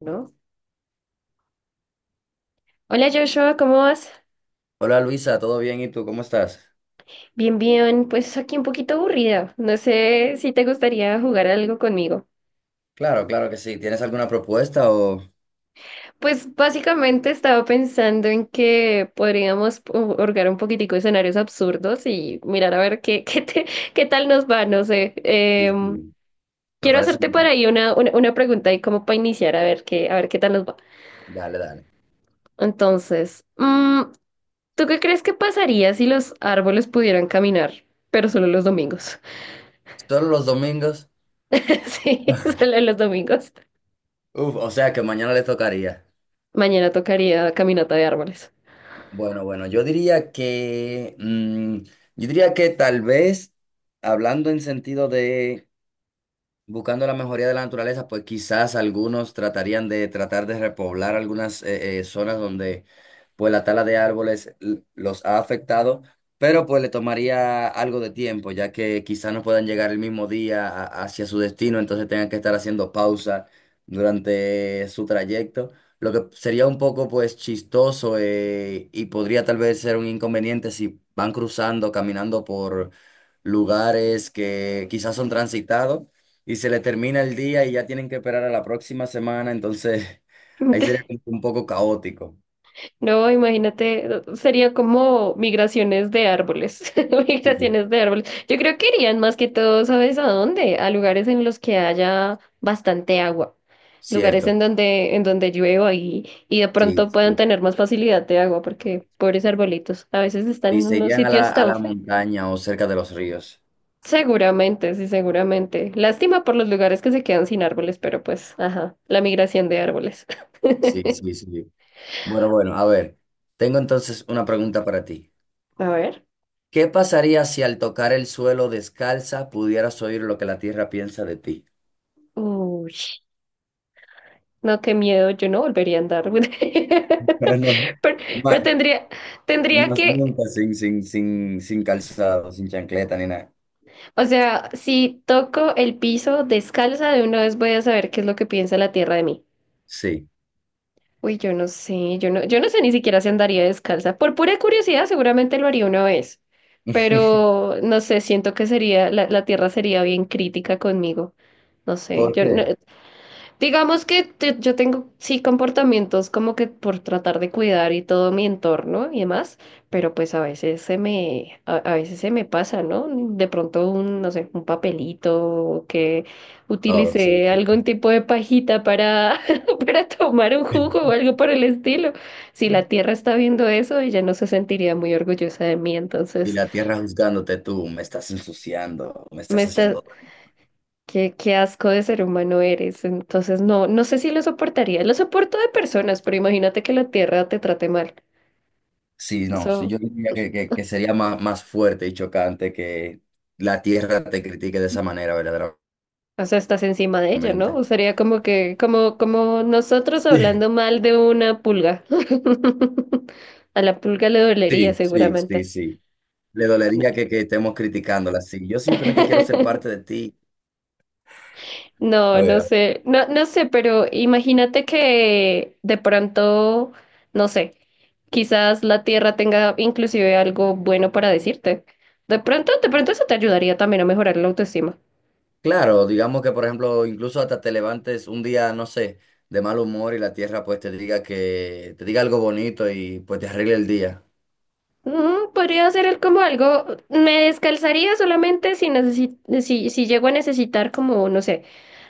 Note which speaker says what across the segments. Speaker 1: ¿No? Hola Joshua, ¿cómo vas?
Speaker 2: Hola Luisa, ¿todo bien? ¿Y tú cómo estás?
Speaker 1: Bien, bien, pues aquí un poquito aburrida. No sé si te gustaría jugar algo conmigo.
Speaker 2: Claro, claro que sí. ¿Tienes alguna propuesta o...?
Speaker 1: Pues básicamente estaba pensando en que podríamos orgar un poquitico de escenarios absurdos y mirar a ver qué, qué tal nos va, no sé.
Speaker 2: Sí,
Speaker 1: Em,
Speaker 2: sí. Me
Speaker 1: Quiero
Speaker 2: parece...
Speaker 1: hacerte por ahí una pregunta y como para iniciar a ver qué tal nos va.
Speaker 2: Dale, dale.
Speaker 1: Entonces, ¿tú qué crees que pasaría si los árboles pudieran caminar, pero solo los domingos?
Speaker 2: ¿Solo los domingos?
Speaker 1: Sí, sale los domingos.
Speaker 2: Uf, o sea que mañana le tocaría.
Speaker 1: Mañana tocaría caminata de árboles.
Speaker 2: Bueno, bueno, yo diría que... yo diría que tal vez, hablando en sentido de buscando la mejoría de la naturaleza, pues quizás algunos tratarían de tratar de repoblar algunas zonas donde pues la tala de árboles los ha afectado, pero pues le tomaría algo de tiempo, ya que quizás no puedan llegar el mismo día hacia su destino, entonces tengan que estar haciendo pausa durante su trayecto, lo que sería un poco pues chistoso y podría tal vez ser un inconveniente si van cruzando, caminando por lugares que quizás son transitados y se le termina el día y ya tienen que esperar a la próxima semana, entonces ahí sería como un poco caótico.
Speaker 1: No, imagínate, sería como migraciones de árboles,
Speaker 2: Sí.
Speaker 1: migraciones de árboles. Yo creo que irían más que todo, ¿sabes a dónde? A lugares en los que haya bastante agua, lugares
Speaker 2: Cierto,
Speaker 1: en donde llueva y de
Speaker 2: sí,
Speaker 1: pronto puedan
Speaker 2: sí.
Speaker 1: tener más facilidad de agua, porque pobres arbolitos, a veces están
Speaker 2: Sí,
Speaker 1: en
Speaker 2: se
Speaker 1: unos
Speaker 2: irían a la,
Speaker 1: sitios
Speaker 2: a
Speaker 1: tan
Speaker 2: la
Speaker 1: feos.
Speaker 2: montaña o cerca de los ríos.
Speaker 1: Seguramente, sí, seguramente. Lástima por los lugares que se quedan sin árboles, pero pues, ajá, la migración de árboles.
Speaker 2: Sí, sí, sí. Bueno, bueno, a ver, tengo entonces una pregunta para ti.
Speaker 1: A ver.
Speaker 2: ¿Qué pasaría si al tocar el suelo descalza pudieras oír lo que la tierra piensa de ti?
Speaker 1: Uy, no, qué miedo, yo no volvería a andar.
Speaker 2: Pero no,
Speaker 1: Pero, pero
Speaker 2: ma-
Speaker 1: tendría, tendría
Speaker 2: más
Speaker 1: que,
Speaker 2: nunca sin, calzado, sin chancleta ni nada.
Speaker 1: o sea, si toco el piso descalza, de una vez voy a saber qué es lo que piensa la tierra de mí.
Speaker 2: Sí.
Speaker 1: Uy, yo no sé, yo no, yo no sé ni siquiera si andaría descalza. Por pura curiosidad, seguramente lo haría una vez, pero no sé, siento que sería, la tierra sería bien crítica conmigo. No sé,
Speaker 2: ¿Por
Speaker 1: yo no-
Speaker 2: qué?
Speaker 1: digamos que yo tengo, sí, comportamientos como que por tratar de cuidar y todo mi entorno y demás, pero pues a veces se me, a veces se me pasa, ¿no? De pronto un, no sé, un papelito o que
Speaker 2: Oh, sí,
Speaker 1: utilicé
Speaker 2: sí.
Speaker 1: algún tipo de pajita para, para tomar un jugo o algo por el estilo. Si la tierra está viendo eso, ella no se sentiría muy orgullosa de mí,
Speaker 2: Y
Speaker 1: entonces
Speaker 2: la tierra juzgándote tú, me estás ensuciando, me
Speaker 1: me
Speaker 2: estás haciendo
Speaker 1: está,
Speaker 2: daño".
Speaker 1: qué, qué asco de ser humano eres. Entonces, no, no sé si lo soportaría. Lo soporto de personas, pero imagínate que la tierra te trate mal.
Speaker 2: Sí, no, sí,
Speaker 1: Eso,
Speaker 2: yo diría que, que sería más, más fuerte y chocante que la tierra te critique de esa manera,
Speaker 1: o sea, estás encima de ella, ¿no?
Speaker 2: verdaderamente.
Speaker 1: O sería como que, como, como nosotros
Speaker 2: Sí,
Speaker 1: hablando mal de una pulga. A la pulga le dolería
Speaker 2: sí, sí, sí,
Speaker 1: seguramente.
Speaker 2: sí. Le dolería que estemos criticándola. Sí, yo simplemente quiero ser parte de ti. A
Speaker 1: No, no
Speaker 2: ver,
Speaker 1: sé, no, no sé, pero imagínate que de pronto, no sé, quizás la Tierra tenga inclusive algo bueno para decirte. De pronto eso te ayudaría también a mejorar la autoestima.
Speaker 2: claro, digamos que, por ejemplo, incluso hasta te levantes un día, no sé, de mal humor y la tierra pues te diga que, te diga algo bonito y pues te arregle el día.
Speaker 1: Podría ser el como algo, me descalzaría solamente si, si, si llego a necesitar como, no sé,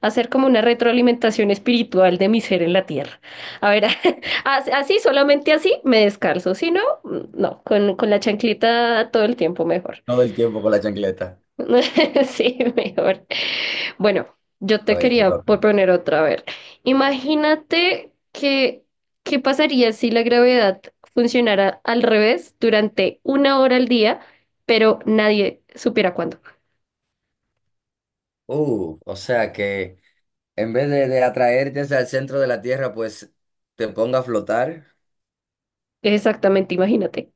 Speaker 1: hacer como una retroalimentación espiritual de mi ser en la tierra. A ver, así, solamente así me descalzo, si no, no, con la chancleta todo el tiempo mejor.
Speaker 2: Todo el tiempo con la chancleta.
Speaker 1: Sí, mejor. Bueno, yo
Speaker 2: A
Speaker 1: te
Speaker 2: ver, te
Speaker 1: quería
Speaker 2: toca.
Speaker 1: proponer otra vez. Imagínate que, ¿qué pasaría si la gravedad funcionara al revés durante una hora al día, pero nadie supiera cuándo?
Speaker 2: O sea que en vez de atraerte hacia el centro de la Tierra, pues te ponga a flotar.
Speaker 1: Exactamente, imagínate.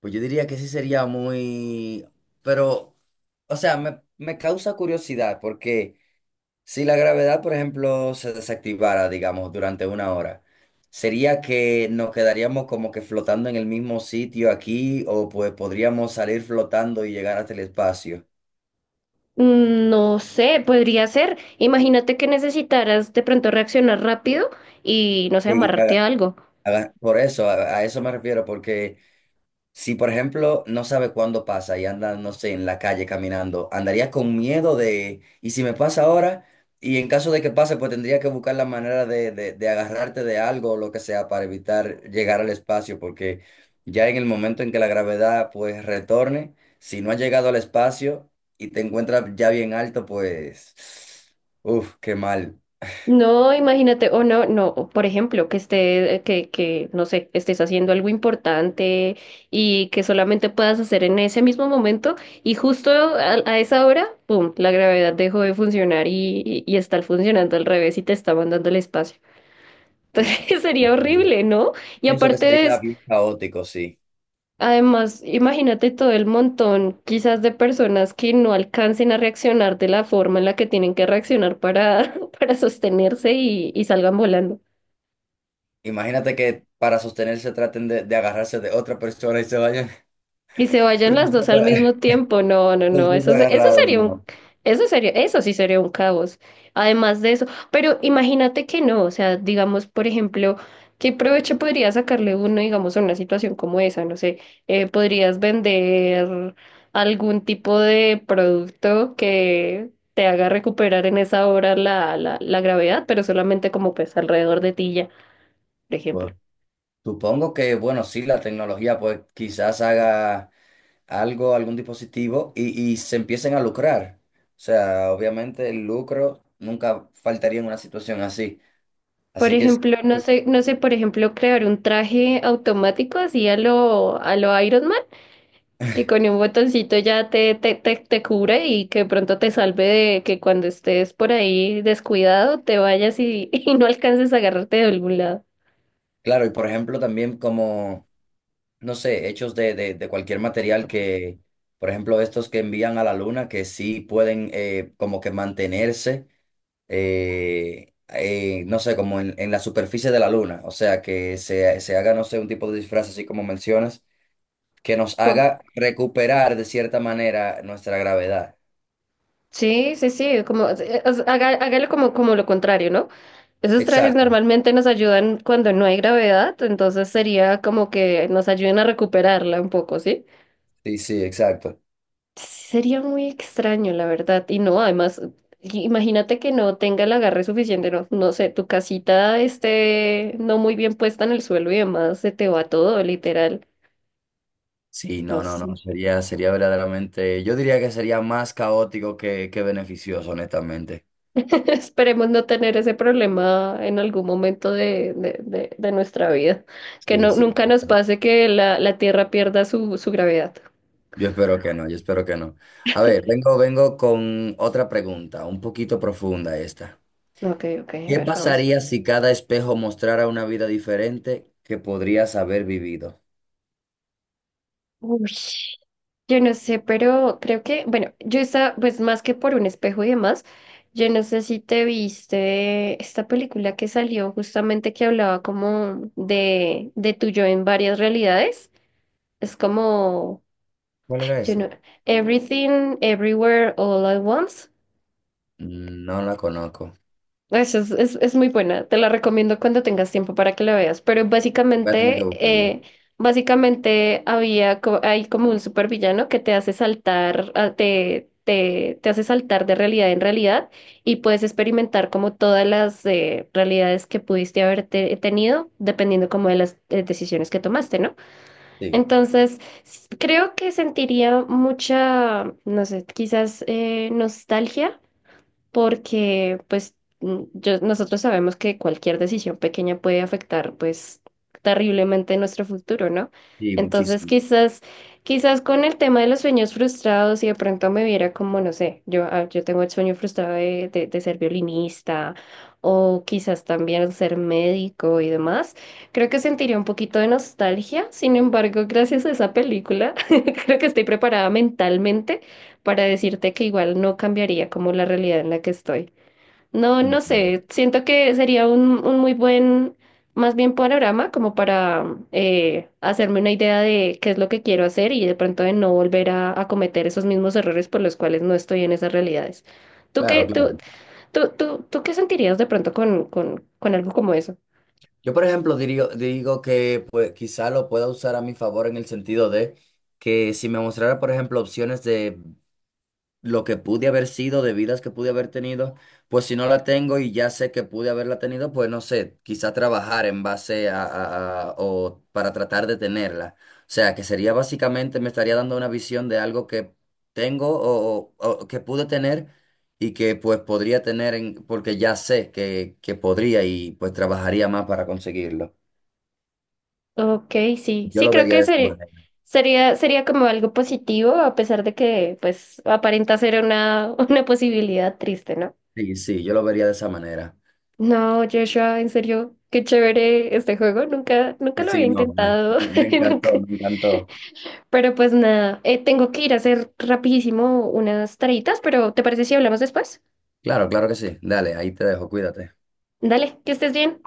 Speaker 2: Pues yo diría que sí sería muy... Pero, o sea, me causa curiosidad porque si la gravedad, por ejemplo, se desactivara, digamos, durante una hora, ¿sería que nos quedaríamos como que flotando en el mismo sitio aquí o pues podríamos salir flotando y llegar hasta el espacio?
Speaker 1: Mm, no sé, podría ser. Imagínate que necesitaras de pronto reaccionar rápido y no sé,
Speaker 2: Sí,
Speaker 1: amarrarte a algo.
Speaker 2: por eso, a eso me refiero, porque... Si, por ejemplo, no sabe cuándo pasa y anda, no sé, en la calle caminando, andaría con miedo de, ¿y si me pasa ahora? Y en caso de que pase, pues tendría que buscar la manera de agarrarte de algo o lo que sea para evitar llegar al espacio, porque ya en el momento en que la gravedad, pues, retorne, si no has llegado al espacio y te encuentras ya bien alto, pues, uff, qué mal.
Speaker 1: No, imagínate, o no, no, o por ejemplo, que esté, que, no sé, estés haciendo algo importante y que solamente puedas hacer en ese mismo momento y justo a esa hora, pum, la gravedad dejó de funcionar y está funcionando al revés y te está mandando el espacio. Entonces sería horrible, ¿no? Y
Speaker 2: Pienso que
Speaker 1: aparte de,
Speaker 2: sería bien caótico, sí.
Speaker 1: además, imagínate todo el montón quizás de personas que no alcancen a reaccionar de la forma en la que tienen que reaccionar para, para sostenerse y salgan volando.
Speaker 2: Imagínate que para sostenerse traten de agarrarse de otra persona y se vayan
Speaker 1: Y se vayan
Speaker 2: los
Speaker 1: las dos al mismo
Speaker 2: dos
Speaker 1: tiempo. No, no,
Speaker 2: los
Speaker 1: no. Eso,
Speaker 2: dos
Speaker 1: eso
Speaker 2: agarrados,
Speaker 1: sería un,
Speaker 2: no.
Speaker 1: eso sería, eso sí sería un caos. Además de eso. Pero imagínate que no. O sea, digamos, por ejemplo, ¿qué provecho podría sacarle uno, digamos, a una situación como esa? No sé, podrías vender algún tipo de producto que te haga recuperar en esa hora la gravedad, pero solamente como pues alrededor de ti ya, por
Speaker 2: Pues,
Speaker 1: ejemplo.
Speaker 2: supongo que, bueno, sí, la tecnología pues quizás haga algo, algún dispositivo y se empiecen a lucrar. O sea, obviamente el lucro nunca faltaría en una situación así.
Speaker 1: Por
Speaker 2: Así que sí,
Speaker 1: ejemplo, no
Speaker 2: sí,
Speaker 1: sé, no sé, por ejemplo, crear un traje automático así a lo Iron Man, que con un botoncito ya te cubre y que de pronto te salve de que cuando estés por ahí descuidado te vayas y, y no alcances a agarrarte de algún lado.
Speaker 2: claro, y por ejemplo también como, no sé, hechos de cualquier material que, por ejemplo, estos que envían a la luna, que sí pueden como que mantenerse no sé, como en la superficie de la luna, o sea, que se haga, no sé, un tipo de disfraz así como mencionas, que nos
Speaker 1: ¿Cómo?
Speaker 2: haga recuperar de cierta manera nuestra gravedad.
Speaker 1: Sí, sí, sí, como, o sea, hágalo como, como lo contrario, ¿no? Esos trajes
Speaker 2: Exacto,
Speaker 1: normalmente nos ayudan cuando no hay gravedad, entonces sería como que nos ayuden a recuperarla un poco, ¿sí?
Speaker 2: sí, sí, exacto.
Speaker 1: Sería muy extraño, la verdad. Y no, además, imagínate que no tenga el agarre suficiente, no, no sé, tu casita esté no muy bien puesta en el suelo y demás, se te va todo, literal.
Speaker 2: Sí, no, no,
Speaker 1: Nos-
Speaker 2: no, sería, sería verdaderamente, yo diría que sería más caótico que beneficioso, honestamente.
Speaker 1: esperemos no tener ese problema en algún momento de, de nuestra vida. Que
Speaker 2: Sí,
Speaker 1: no,
Speaker 2: sí,
Speaker 1: nunca nos
Speaker 2: pero
Speaker 1: pase que la Tierra pierda su, su gravedad.
Speaker 2: yo espero que no, yo espero que no. A ver, vengo con otra pregunta, un poquito profunda esta.
Speaker 1: Ok, ok, a
Speaker 2: ¿Qué
Speaker 1: ver, vamos.
Speaker 2: pasaría si cada espejo mostrara una vida diferente que podrías haber vivido?
Speaker 1: Uy. Yo no sé, pero creo que, bueno, yo estaba, pues más que por un espejo y demás, yo no sé si te viste esta película que salió justamente que hablaba como de tu yo en varias realidades. Es como,
Speaker 2: ¿Cuál
Speaker 1: ay,
Speaker 2: era
Speaker 1: yo
Speaker 2: esa?
Speaker 1: no, Everything, Everywhere, All at Once.
Speaker 2: Mm, no la conozco.
Speaker 1: Eso es muy buena, te la recomiendo cuando tengas tiempo para que la veas, pero
Speaker 2: Voy a tener que
Speaker 1: básicamente,
Speaker 2: buscarla.
Speaker 1: básicamente había, hay como un supervillano que te hace saltar, ah, te hace saltar de realidad en realidad y puedes experimentar como todas las realidades que pudiste haber tenido dependiendo como de las decisiones que tomaste, ¿no?
Speaker 2: Sí,
Speaker 1: Entonces, creo que sentiría mucha, no sé, quizás nostalgia porque pues mm, nosotros sabemos que cualquier decisión pequeña puede afectar pues terriblemente nuestro futuro, ¿no?
Speaker 2: sí,
Speaker 1: Entonces
Speaker 2: muchísimo.
Speaker 1: quizás, quizás con el tema de los sueños frustrados y de pronto me viera como, no sé, yo, ah, yo tengo el sueño frustrado de ser violinista o quizás también ser médico y demás, creo que sentiría un poquito de nostalgia, sin embargo, gracias a esa película, creo que estoy preparada mentalmente para decirte que igual no cambiaría como la realidad en la que estoy. No, no
Speaker 2: Entiendo.
Speaker 1: sé, siento que sería un muy buen, más bien panorama como para hacerme una idea de qué es lo que quiero hacer y de pronto de no volver a cometer esos mismos errores por los cuales no estoy en esas realidades. ¿Tú qué,
Speaker 2: Claro,
Speaker 1: tú,
Speaker 2: claro.
Speaker 1: tú, tú, tú qué sentirías de pronto con algo como eso?
Speaker 2: Yo, por ejemplo, digo que pues, quizá lo pueda usar a mi favor en el sentido de que si me mostrara, por ejemplo, opciones de lo que pude haber sido, de vidas que pude haber tenido, pues si no la tengo y ya sé que pude haberla tenido, pues no sé, quizá trabajar en base a, o para tratar de tenerla. O sea, que sería básicamente, me estaría dando una visión de algo que tengo o, o que pude tener y que pues podría tener en- porque ya sé que podría y pues trabajaría más para conseguirlo.
Speaker 1: Ok, sí,
Speaker 2: Yo
Speaker 1: sí,
Speaker 2: lo
Speaker 1: creo
Speaker 2: vería
Speaker 1: que
Speaker 2: de esa
Speaker 1: sería,
Speaker 2: manera.
Speaker 1: sería, sería como algo positivo, a pesar de que, pues, aparenta ser una, una posibilidad triste, ¿no?
Speaker 2: Sí, sí, yo lo vería de esa manera.
Speaker 1: No, Joshua, en serio, qué chévere este juego, nunca, nunca
Speaker 2: Sí,
Speaker 1: lo había
Speaker 2: sí, no,
Speaker 1: intentado,
Speaker 2: me
Speaker 1: nunca.
Speaker 2: encantó, me encantó.
Speaker 1: Pero pues nada, tengo que ir a hacer rapidísimo unas tareitas, pero ¿te parece si hablamos después?
Speaker 2: Claro, claro que sí. Dale, ahí te dejo, cuídate.
Speaker 1: Dale, que estés bien.